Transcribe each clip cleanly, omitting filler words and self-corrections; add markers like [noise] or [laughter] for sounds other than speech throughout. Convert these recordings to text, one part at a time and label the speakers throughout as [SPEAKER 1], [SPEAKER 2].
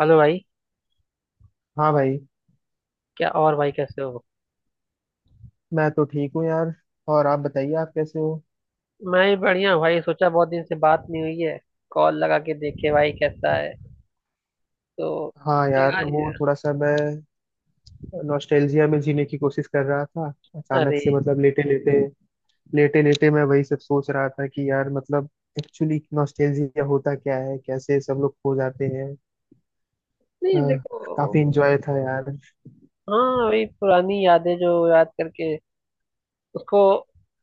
[SPEAKER 1] Hello भाई।
[SPEAKER 2] हाँ भाई।
[SPEAKER 1] क्या और भाई कैसे हो।
[SPEAKER 2] मैं तो ठीक हूँ यार। और आप बताइए, आप कैसे हो।
[SPEAKER 1] मैं भी बढ़िया हूँ भाई। सोचा बहुत दिन से बात नहीं हुई है। कॉल लगा के देखे भाई कैसा है। तो
[SPEAKER 2] हाँ यार,
[SPEAKER 1] लगा
[SPEAKER 2] वो
[SPEAKER 1] लिया।
[SPEAKER 2] थोड़ा सा मैं नॉस्टैल्जिया में जीने की कोशिश कर रहा था। अचानक
[SPEAKER 1] अरे।
[SPEAKER 2] से मतलब लेटे लेटे मैं वही सब सोच रहा था कि यार मतलब एक्चुअली नॉस्टैल्जिया होता क्या है, कैसे सब लोग खो जाते हैं। अ,
[SPEAKER 1] नहीं देखो।
[SPEAKER 2] काफी इंजॉय था यार।
[SPEAKER 1] हाँ, वही पुरानी यादें जो याद करके उसको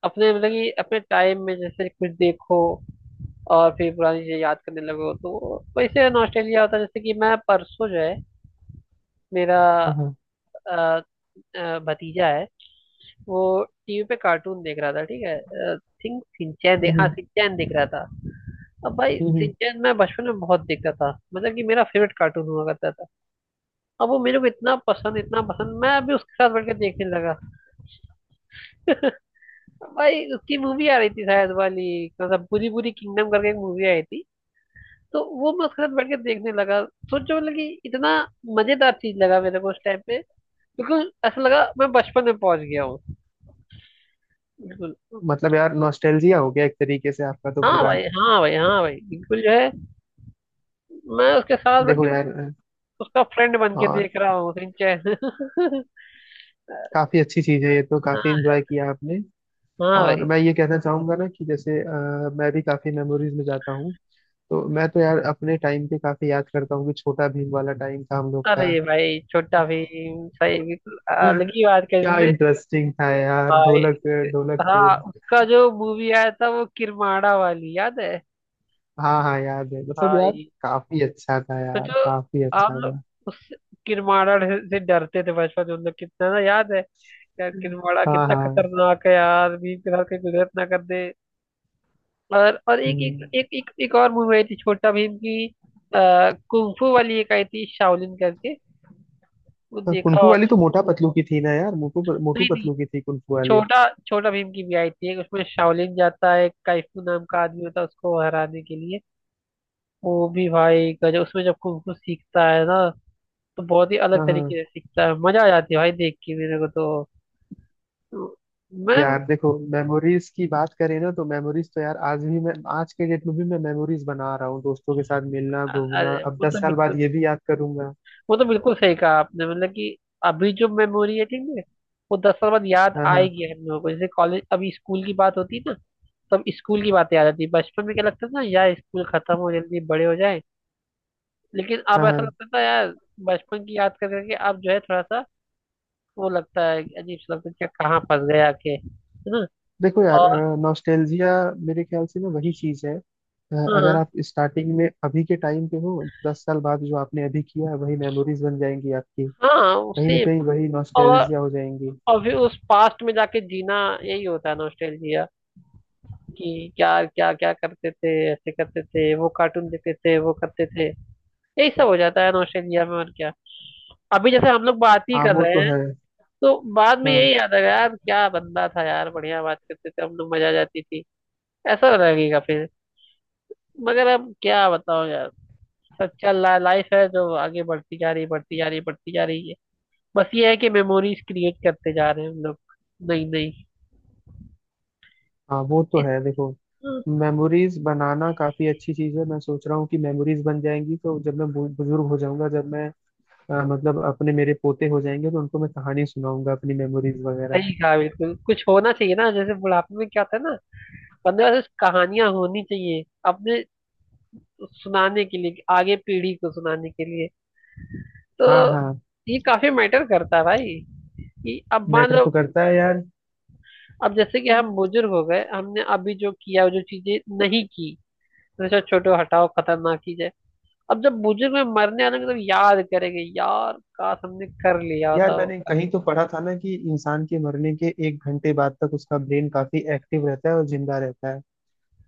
[SPEAKER 1] अपने मतलब कि अपने टाइम में जैसे कुछ देखो और फिर पुरानी चीजें याद करने लगो तो वैसे नॉस्टैल्जिया होता है। जैसे कि मैं परसों जो है मेरा
[SPEAKER 2] हाँ हाँ।
[SPEAKER 1] भतीजा है। वो टीवी पे कार्टून देख रहा था ठीक है। आई थिंक सिंचैन देख, हाँ
[SPEAKER 2] हम्म
[SPEAKER 1] सिंचैन देख रहा था। अब भाई
[SPEAKER 2] हम्म हम्म।
[SPEAKER 1] सिंचैन मैं बचपन में बहुत देखता था, मतलब कि मेरा फेवरेट कार्टून हुआ करता था। अब वो मेरे को इतना पसंद इतना पसंद, मैं अभी उसके साथ बैठ के देखने लगा। अब भाई उसकी मूवी आ रही थी शायद वाली। मतलब पूरी पूरी किंगडम करके एक मूवी आई थी। तो वो मैं उसके साथ बैठ के देखने लगा। सोचो मतलब कि इतना मजेदार चीज लगा मेरे को उस टाइम पे। बिल्कुल ऐसा लगा मैं बचपन में पहुंच गया हूँ। बिल्कुल।
[SPEAKER 2] मतलब यार नॉस्टैल्जिया हो गया एक तरीके से आपका तो
[SPEAKER 1] हाँ
[SPEAKER 2] पूरा।
[SPEAKER 1] भाई, हाँ भाई, हाँ भाई, बिल्कुल जो है। मैं उसके साथ बैठ
[SPEAKER 2] देखो
[SPEAKER 1] के
[SPEAKER 2] यार।
[SPEAKER 1] उसका फ्रेंड बन के
[SPEAKER 2] और
[SPEAKER 1] देख रहा हूँ सिंचैन। [laughs]
[SPEAKER 2] काफी अच्छी चीज है ये, तो काफी
[SPEAKER 1] हाँ।
[SPEAKER 2] इंजॉय किया आपने।
[SPEAKER 1] हाँ
[SPEAKER 2] और
[SPEAKER 1] भाई।
[SPEAKER 2] मैं ये कहना चाहूंगा ना कि जैसे मैं भी काफी मेमोरीज में जाता हूँ। तो मैं तो यार अपने टाइम पे काफी याद करता हूँ कि छोटा भीम वाला टाइम था हम लोग का।
[SPEAKER 1] अरे भाई छोटा भीम सही, बिल्कुल अलग
[SPEAKER 2] [laughs]
[SPEAKER 1] ही बात कही
[SPEAKER 2] क्या
[SPEAKER 1] तुमने।
[SPEAKER 2] इंटरेस्टिंग था यार।
[SPEAKER 1] भाई हाँ,
[SPEAKER 2] ढोलकपुर।
[SPEAKER 1] उसका जो मूवी आया था वो किरमाड़ा वाली याद है।
[SPEAKER 2] हाँ हाँ याद है मतलब यार
[SPEAKER 1] भाई
[SPEAKER 2] काफी अच्छा था यार,
[SPEAKER 1] सोचो,
[SPEAKER 2] काफी
[SPEAKER 1] आप
[SPEAKER 2] अच्छा था।
[SPEAKER 1] लोग उस किरमाड़ा से डरते थे बचपन में, हम लोग कितना, ना याद है। यार किरमाड़ा
[SPEAKER 2] हाँ
[SPEAKER 1] कितना
[SPEAKER 2] हाँ।
[SPEAKER 1] खतरनाक है यार, भीम के साथ कहीं गुजरत ना कर दे। और एक एक
[SPEAKER 2] हम्म।
[SPEAKER 1] एक एक, एक और मूवी आई थी छोटा भीम की। कुंफू वाली एक आई थी शाओलिन करके। वो देखा
[SPEAKER 2] कुनफू
[SPEAKER 1] और।
[SPEAKER 2] वाली तो मोटा पतलू की थी ना यार। मोटू मोटू
[SPEAKER 1] नहीं नहीं।
[SPEAKER 2] पतलू की थी कुनफू वाली।
[SPEAKER 1] छोटा छोटा भीम की भी आई थी एक, उसमें शाओलिन जाता है, काइफू नाम का आदमी होता है उसको हराने के लिए। वो भी भाई गजब, उसमें जब कुंफू सीखता है ना तो बहुत ही अलग
[SPEAKER 2] हाँ हाँ।
[SPEAKER 1] तरीके से सीखता है, मजा आ जाती है भाई देख के मेरे को तो। तो मैं
[SPEAKER 2] यार देखो मेमोरीज की बात करें ना, तो मेमोरीज तो यार आज भी मैं, आज के डेट में भी मैं मेमोरीज बना रहा हूँ। दोस्तों के साथ मिलना घूमना,
[SPEAKER 1] अरे
[SPEAKER 2] अब
[SPEAKER 1] वो तो,
[SPEAKER 2] 10 साल बाद ये भी याद करूंगा।
[SPEAKER 1] वो तो बिल्कुल सही कहा आपने, मतलब कि अभी जो मेमोरी है ठीक है, वो दस साल बाद याद
[SPEAKER 2] हाँ हाँ।
[SPEAKER 1] आएगी हम लोगों को, जैसे कॉलेज अभी स्कूल की बात होती है ना तब स्कूल की बात याद आती है। बचपन में क्या लगता था ना यार, स्कूल खत्म हो जल्दी बड़े हो जाए। लेकिन अब
[SPEAKER 2] हाँ
[SPEAKER 1] ऐसा
[SPEAKER 2] हाँ।
[SPEAKER 1] लगता था यार बचपन की याद कर करके, अब जो है थोड़ा सा वो लगता है, अजीब सा लगता है कि कहाँ फंस गए आके, है ना।
[SPEAKER 2] देखो यार,
[SPEAKER 1] और
[SPEAKER 2] नॉस्टैल्जिया मेरे ख्याल से ना वही चीज है। अगर आप स्टार्टिंग में अभी के टाइम पे हो, 10 साल बाद जो आपने अभी किया है, वही मेमोरीज बन जाएंगी आपकी।
[SPEAKER 1] हाँ हाँ
[SPEAKER 2] कहीं ना
[SPEAKER 1] उसे।
[SPEAKER 2] कहीं वही
[SPEAKER 1] और
[SPEAKER 2] नॉस्टैल्जिया हो जाएंगी।
[SPEAKER 1] और फिर उस पास्ट में जाके जीना, यही होता है नॉस्टैल्जिया। कि यार क्या क्या करते थे, ऐसे करते थे, वो कार्टून देखते थे, वो करते थे, यही सब हो जाता है नॉस्टैल्जिया में, और क्या। अभी जैसे हम लोग बात ही
[SPEAKER 2] हाँ
[SPEAKER 1] कर
[SPEAKER 2] वो
[SPEAKER 1] रहे
[SPEAKER 2] तो
[SPEAKER 1] हैं,
[SPEAKER 2] है।
[SPEAKER 1] तो बाद में
[SPEAKER 2] हाँ
[SPEAKER 1] यही याद आएगा, यार क्या बंदा था यार, बढ़िया बात करते थे हम लोग, मजा आ जाती थी। ऐसा तो लगेगा फिर। मगर अब क्या बताओ यार, सच्चा लाइफ है जो आगे बढ़ती जा रही बढ़ती जा रही बढ़ती जा रही है। बस ये है कि मेमोरीज क्रिएट करते जा रहे हैं हम लोग। नहीं नहीं।
[SPEAKER 2] हाँ वो तो है।
[SPEAKER 1] इस-
[SPEAKER 2] देखो मेमोरीज बनाना काफी अच्छी चीज है। मैं सोच रहा हूँ कि मेमोरीज बन जाएंगी तो जब मैं बुजुर्ग हो जाऊंगा, जब मैं मतलब अपने मेरे पोते हो जाएंगे तो उनको मैं कहानी सुनाऊंगा अपनी मेमोरीज वगैरह।
[SPEAKER 1] सही कहा बिल्कुल, कुछ होना चाहिए ना जैसे बुढ़ापे में क्या होता है ना। पंद्रह से कहानियां होनी चाहिए अपने सुनाने के लिए, कि आगे पीढ़ी को सुनाने के लिए। तो
[SPEAKER 2] हाँ हाँ।
[SPEAKER 1] ये काफी मैटर करता है भाई, कि अब मान
[SPEAKER 2] मैटर तो
[SPEAKER 1] लो,
[SPEAKER 2] करता है यार।
[SPEAKER 1] अब जैसे कि हम बुजुर्ग हो गए, हमने अभी जो किया, जो चीजें नहीं की, जैसे छोटो हटाओ खतरनाक चीज है। अब जब बुजुर्ग में मरने आने तब याद करेंगे, यार काश हमने कर लिया
[SPEAKER 2] यार
[SPEAKER 1] होता वो
[SPEAKER 2] मैंने
[SPEAKER 1] काम।
[SPEAKER 2] कहीं तो पढ़ा था ना कि इंसान के मरने के 1 घंटे बाद तक उसका ब्रेन काफी एक्टिव रहता है और जिंदा रहता है।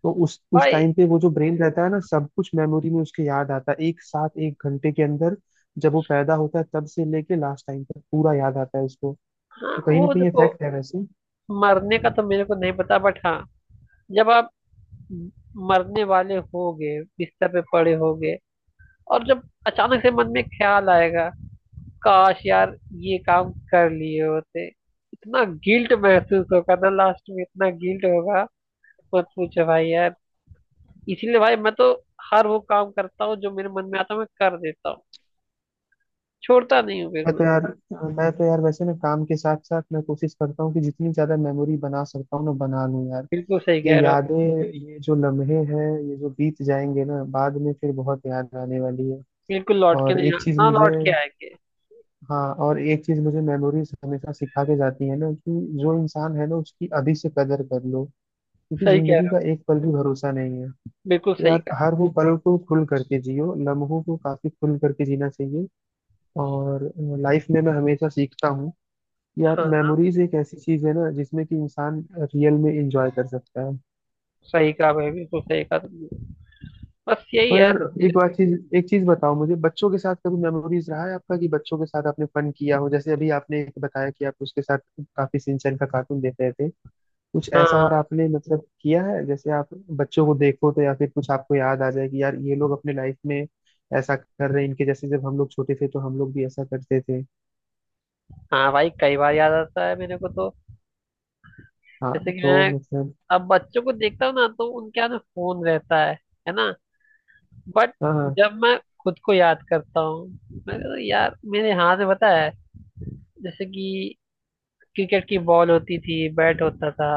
[SPEAKER 2] तो उस
[SPEAKER 1] भाई।
[SPEAKER 2] टाइम पे वो जो ब्रेन रहता है ना, सब कुछ मेमोरी में उसके याद आता है एक साथ, 1 घंटे के अंदर। जब वो पैदा होता है तब से लेके लास्ट टाइम तक पूरा याद आता है उसको।
[SPEAKER 1] हाँ
[SPEAKER 2] तो कहीं ना
[SPEAKER 1] वो
[SPEAKER 2] कहीं
[SPEAKER 1] देखो,
[SPEAKER 2] इफेक्ट है वैसे।
[SPEAKER 1] मरने का तो मेरे को नहीं पता, बट हाँ, जब आप मरने वाले होगे, बिस्तर पे पड़े होगे, और जब अचानक से मन में ख्याल आएगा, काश यार ये काम कर लिए होते, इतना गिल्ट महसूस होगा ना, लास्ट में इतना गिल्ट होगा, मत पूछो भाई यार। इसीलिए भाई मैं तो हर वो काम करता हूँ जो मेरे मन में आता है, मैं कर देता हूँ, छोड़ता नहीं हूँ फिर
[SPEAKER 2] मैं तो
[SPEAKER 1] मैं।
[SPEAKER 2] यार मैं तो यार वैसे ना काम के साथ साथ मैं कोशिश करता हूँ कि जितनी ज्यादा मेमोरी बना सकता हूँ ना बना लूँ यार।
[SPEAKER 1] बिल्कुल सही
[SPEAKER 2] ये
[SPEAKER 1] कह रहे हो।
[SPEAKER 2] यादें, ये जो लम्हे हैं, ये जो बीत जाएंगे ना बाद में फिर बहुत याद आने वाली है।
[SPEAKER 1] बिल्कुल लौट के
[SPEAKER 2] और
[SPEAKER 1] नहीं आ-
[SPEAKER 2] एक चीज
[SPEAKER 1] ना
[SPEAKER 2] मुझे
[SPEAKER 1] लौट के आएंगे।
[SPEAKER 2] हाँ, और एक चीज मुझे मेमोरीज हमेशा सिखा के जाती है ना कि जो इंसान है ना उसकी अभी से कदर कर लो, क्योंकि
[SPEAKER 1] सही कह
[SPEAKER 2] जिंदगी
[SPEAKER 1] रहे हो।
[SPEAKER 2] का एक पल भी भरोसा नहीं है।
[SPEAKER 1] बिल्कुल
[SPEAKER 2] तो
[SPEAKER 1] सही
[SPEAKER 2] यार
[SPEAKER 1] कहा।
[SPEAKER 2] हर वो पल को खुल करके जियो, लम्हों को काफी खुल करके जीना चाहिए। और लाइफ में मैं हमेशा सीखता हूँ कि यार
[SPEAKER 1] हाँ,
[SPEAKER 2] मेमोरीज एक ऐसी चीज है ना जिसमें कि इंसान रियल में इंजॉय कर सकता है।
[SPEAKER 1] सही कहा भाई, बिल्कुल सही कहा तुमने। बस यही
[SPEAKER 2] तो
[SPEAKER 1] है।
[SPEAKER 2] यार एक बात चीज एक चीज बताओ मुझे, बच्चों के साथ कभी मेमोरीज रहा है आपका, कि बच्चों के साथ आपने फन किया हो, जैसे अभी आपने एक बताया कि आप उसके साथ काफी सिंचन का कार्टून देख रहे थे। कुछ ऐसा और
[SPEAKER 1] हाँ।
[SPEAKER 2] आपने मतलब किया है, जैसे आप बच्चों को देखो तो, या फिर कुछ आपको याद आ जाए कि यार ये लोग अपने लाइफ में ऐसा कर रहे हैं, इनके जैसे जब हम लोग छोटे थे तो हम लोग भी ऐसा करते थे।
[SPEAKER 1] हाँ भाई, कई बार याद आता है मेरे को तो।
[SPEAKER 2] हाँ।
[SPEAKER 1] जैसे कि
[SPEAKER 2] तो
[SPEAKER 1] मैं
[SPEAKER 2] मतलब,
[SPEAKER 1] अब बच्चों को देखता हूँ ना, तो उनके हाथ में फोन रहता है ना। बट
[SPEAKER 2] हाँ हाँ।
[SPEAKER 1] जब मैं खुद को याद करता हूँ, मैं कहता हूँ, यार मेरे हाथ में पता है, जैसे कि क्रिकेट की बॉल होती थी, बैट होता था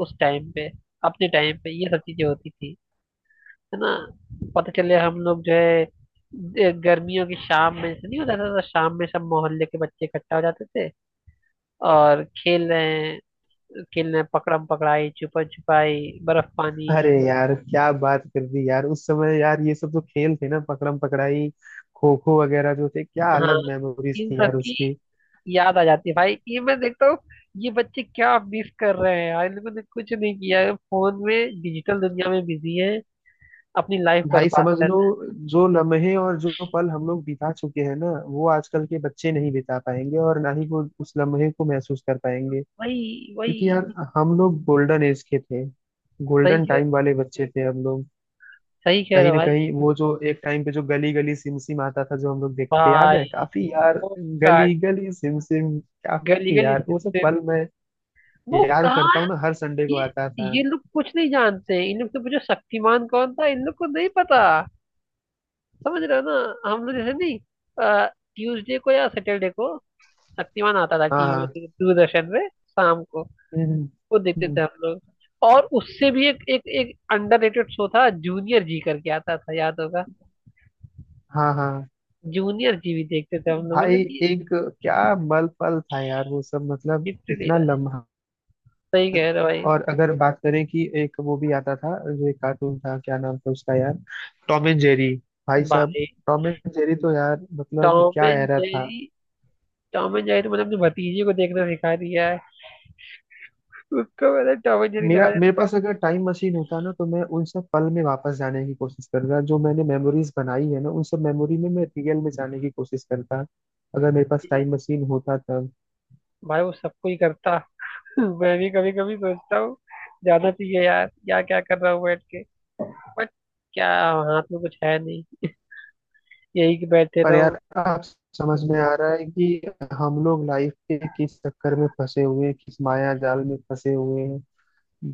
[SPEAKER 1] उस टाइम पे। अपने टाइम पे ये सब चीजें होती थी, है ना। पता चले हम लोग जो है गर्मियों की शाम में, ऐसा नहीं होता था तो, शाम में सब मोहल्ले के बच्चे इकट्ठा हो जाते थे और खेल रहे हैं पकड़म पकड़ाई, छुपन छुपाई, बर्फ पानी।
[SPEAKER 2] अरे यार क्या बात कर दी यार, उस समय यार ये सब जो खेल थे ना, पकड़म पकड़ाई, खो खो वगैरह जो थे, क्या
[SPEAKER 1] हाँ,
[SPEAKER 2] अलग मेमोरीज
[SPEAKER 1] इन
[SPEAKER 2] थी
[SPEAKER 1] सब
[SPEAKER 2] यार
[SPEAKER 1] की
[SPEAKER 2] उसकी।
[SPEAKER 1] याद आ जाती है भाई। ये मैं देखता हूँ ये बच्चे क्या मिस कर रहे हैं यार, इन लोगों ने कुछ नहीं किया है, फोन में डिजिटल दुनिया में बिजी है, अपनी लाइफ
[SPEAKER 2] भाई
[SPEAKER 1] बर्बाद
[SPEAKER 2] समझ
[SPEAKER 1] कर
[SPEAKER 2] लो,
[SPEAKER 1] रहे हैं।
[SPEAKER 2] जो लम्हे और जो पल हम लोग बिता चुके हैं ना, वो आजकल के बच्चे नहीं बिता पाएंगे और ना ही वो उस लम्हे को महसूस कर पाएंगे।
[SPEAKER 1] वही
[SPEAKER 2] क्योंकि
[SPEAKER 1] वही।
[SPEAKER 2] यार हम लोग गोल्डन एज के थे,
[SPEAKER 1] सही
[SPEAKER 2] गोल्डन
[SPEAKER 1] कह
[SPEAKER 2] टाइम वाले बच्चे थे हम लोग।
[SPEAKER 1] सही कह रहे
[SPEAKER 2] कहीं
[SPEAKER 1] हो
[SPEAKER 2] ना
[SPEAKER 1] भाई।
[SPEAKER 2] कहीं वो जो एक टाइम पे जो गली गली सिम सिम आता था, जो हम लोग देखते याद है
[SPEAKER 1] भाई
[SPEAKER 2] काफी यार,
[SPEAKER 1] वो का,
[SPEAKER 2] गली गली सिम सिम।
[SPEAKER 1] गली
[SPEAKER 2] काफी
[SPEAKER 1] गली
[SPEAKER 2] यार वो सब
[SPEAKER 1] सिस्टम
[SPEAKER 2] पल मैं
[SPEAKER 1] वो
[SPEAKER 2] याद
[SPEAKER 1] कहाँ।
[SPEAKER 2] करता हूँ ना, हर संडे को
[SPEAKER 1] ये
[SPEAKER 2] आता था।
[SPEAKER 1] ये लोग कुछ नहीं जानते हैं। इन लोग से पूछो शक्तिमान कौन था, इन लोग को नहीं पता। समझ रहे हो ना, हम लोग जैसे नहीं। ट्यूसडे को या सैटरडे को शक्तिमान आता था
[SPEAKER 2] हाँ
[SPEAKER 1] टीवी
[SPEAKER 2] हाँ।
[SPEAKER 1] में दूरदर्शन में शाम को।
[SPEAKER 2] हम्म, हम्म,
[SPEAKER 1] वो देखते
[SPEAKER 2] हम्म।
[SPEAKER 1] थे हम लोग। और उससे भी एक एक एक अंडररेटेड शो था, जूनियर जी करके आता था, याद होगा।
[SPEAKER 2] हाँ हाँ
[SPEAKER 1] जूनियर जी भी देखते थे हम लोग,
[SPEAKER 2] भाई।
[SPEAKER 1] मतलब कि
[SPEAKER 2] एक क्या मल पल था यार वो सब, मतलब
[SPEAKER 1] लिटरली।
[SPEAKER 2] इतना लम्हा।
[SPEAKER 1] सही कह रहे हो भाई।
[SPEAKER 2] और अगर बात करें कि एक वो भी आता था जो एक कार्टून था, क्या नाम था उसका यार, टॉम एंड जेरी। भाई साहब,
[SPEAKER 1] भाई
[SPEAKER 2] टॉम एंड जेरी तो यार मतलब
[SPEAKER 1] टॉम
[SPEAKER 2] क्या
[SPEAKER 1] एंड
[SPEAKER 2] एरा था।
[SPEAKER 1] जेरी। टॉम एंड जेरी तो मतलब अपने भतीजे को देखना सिखा दिया है, उसको मैंने टॉम एंड जेरी
[SPEAKER 2] मेरा
[SPEAKER 1] लगा
[SPEAKER 2] मेरे पास अगर टाइम मशीन होता ना, तो मैं उन सब पल में वापस जाने की कोशिश करता, जो मैंने मेमोरीज बनाई है ना, उन सब मेमोरी में मैं रियल में जाने की कोशिश करता, अगर मेरे पास
[SPEAKER 1] देती है।
[SPEAKER 2] टाइम मशीन होता तब।
[SPEAKER 1] भाई वो सबको ही करता। [laughs] मैं भी कभी कभी सोचता हूँ, जाना चाहिए यार, या क्या कर रहा हूँ बैठ के, बट क्या, हाथ में कुछ है नहीं, यही कि बैठे
[SPEAKER 2] पर
[SPEAKER 1] रहो।
[SPEAKER 2] यार आप, समझ में आ रहा है कि हम लोग लाइफ के किस चक्कर में फंसे हुए हैं, किस माया जाल में फंसे हुए हैं।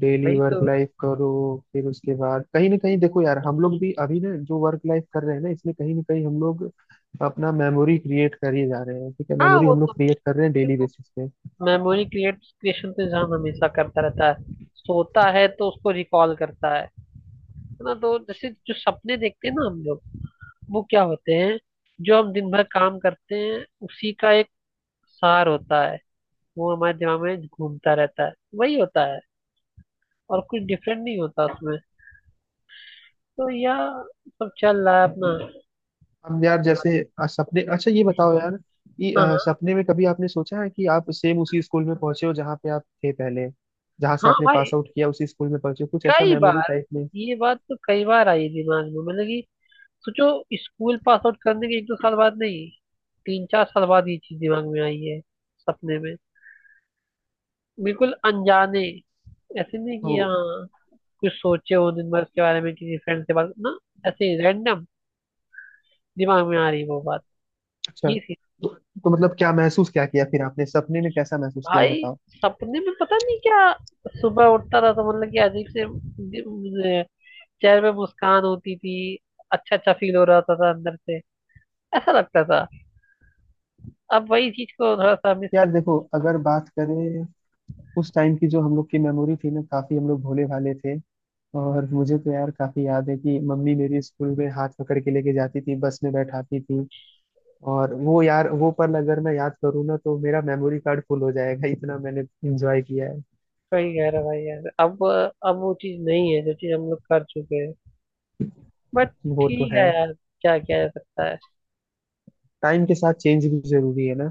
[SPEAKER 2] डेली
[SPEAKER 1] वही
[SPEAKER 2] वर्क
[SPEAKER 1] तो।
[SPEAKER 2] लाइफ करो, फिर उसके बाद कहीं ना कहीं देखो यार हम लोग भी अभी ना जो वर्क लाइफ कर रहे हैं ना, इसमें कहीं ना कहीं हम लोग अपना मेमोरी क्रिएट कर ही जा रहे हैं। ठीक है,
[SPEAKER 1] हाँ
[SPEAKER 2] मेमोरी
[SPEAKER 1] वो
[SPEAKER 2] हम
[SPEAKER 1] तो।
[SPEAKER 2] लोग क्रिएट कर रहे हैं डेली बेसिस पे।
[SPEAKER 1] मेमोरी क्रिएट क्रिएशन तो इंसान हमेशा करता रहता है, सोता है तो उसको रिकॉल करता है ना। तो जैसे जो सपने देखते हैं ना हम लोग, वो क्या होते हैं, जो हम दिन भर काम करते हैं उसी का एक सार होता है, वो हमारे दिमाग में घूमता रहता है, वही होता है और कुछ डिफरेंट नहीं होता उसमें। तो यह सब चल रहा है अपना।
[SPEAKER 2] हम यार जैसे सपने, अच्छा ये बताओ यार, कि
[SPEAKER 1] हाँ। हाँ।
[SPEAKER 2] सपने में कभी आपने सोचा है कि आप सेम उसी स्कूल में पहुंचे हो जहाँ पे आप थे पहले, जहाँ से
[SPEAKER 1] हाँ
[SPEAKER 2] आपने
[SPEAKER 1] भाई,
[SPEAKER 2] पास आउट किया, उसी स्कूल में पहुंचे हो, कुछ ऐसा
[SPEAKER 1] कई
[SPEAKER 2] मेमोरी
[SPEAKER 1] बार।
[SPEAKER 2] टाइप में।
[SPEAKER 1] ये बात तो कई बार आई दिमाग में, मतलब कि सोचो, स्कूल पास आउट करने के एक दो साल बाद नहीं, तीन चार साल बाद ये चीज दिमाग में आई है। सपने में बिल्कुल अनजाने, ऐसे नहीं
[SPEAKER 2] तो
[SPEAKER 1] कि हाँ कुछ सोचे हो दिन भर इसके बारे में, किसी फ्रेंड से बात ना, ऐसे ही रैंडम दिमाग में आ रही वो बात,
[SPEAKER 2] अच्छा।
[SPEAKER 1] ये थी।
[SPEAKER 2] तो, तो मतलब क्या महसूस क्या किया फिर आपने, सपने में कैसा महसूस किया ये
[SPEAKER 1] भाई
[SPEAKER 2] बताओ।
[SPEAKER 1] सपने में पता नहीं क्या, सुबह उठता था तो मतलब कि अजीब से मुझे चेहरे पे मुस्कान होती थी, अच्छा अच्छा फील हो रहा था अंदर से, ऐसा लगता था। अब वही चीज को थोड़ा सा मिस।
[SPEAKER 2] यार देखो अगर बात करें उस टाइम की, जो हम लोग की मेमोरी थी ना, काफी हम लोग भोले भाले थे। और मुझे तो यार काफी याद है कि मम्मी मेरी स्कूल में हाथ पकड़ के लेके जाती थी, बस में बैठाती थी। और वो यार वो पल अगर मैं याद करूँ ना, तो मेरा मेमोरी कार्ड फुल हो जाएगा, इतना मैंने एंजॉय किया है।
[SPEAKER 1] सही कह रहा भाई यार, अब वो चीज नहीं है जो चीज हम लोग कर चुके हैं बट।
[SPEAKER 2] वो तो
[SPEAKER 1] ठीक
[SPEAKER 2] है।
[SPEAKER 1] है यार, क्या किया जा सकता है।
[SPEAKER 2] टाइम के साथ चेंज भी जरूरी है ना।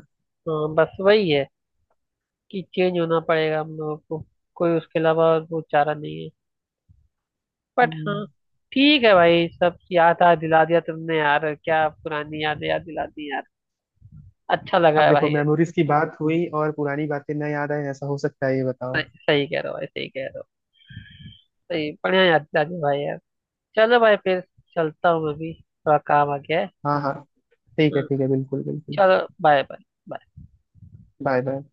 [SPEAKER 1] हाँ बस वही है कि चेंज होना पड़ेगा हम लोगों को, कोई उसके अलावा और वो चारा नहीं है, बट हाँ।
[SPEAKER 2] हम्म।
[SPEAKER 1] ठीक है भाई, सब याद आ दिला दिया तुमने यार, क्या पुरानी यादें याद दिला दी यार। अच्छा लगा
[SPEAKER 2] अब
[SPEAKER 1] है
[SPEAKER 2] देखो
[SPEAKER 1] भाई यार।
[SPEAKER 2] मेमोरीज की बात हुई और पुरानी बातें न याद आए, ऐसा हो सकता है ये बताओ।
[SPEAKER 1] सही सही कह रहे हो भाई, सही कह रहे हो। सही बढ़िया याद दिला दी भाई यार। चलो भाई फिर, चलता हूँ मैं भी, थोड़ा काम आ गया है।
[SPEAKER 2] हाँ हाँ, ठीक है
[SPEAKER 1] हाँ,
[SPEAKER 2] ठीक है, बिल्कुल बिल्कुल।
[SPEAKER 1] चलो, बाय बाय।
[SPEAKER 2] Bye bye.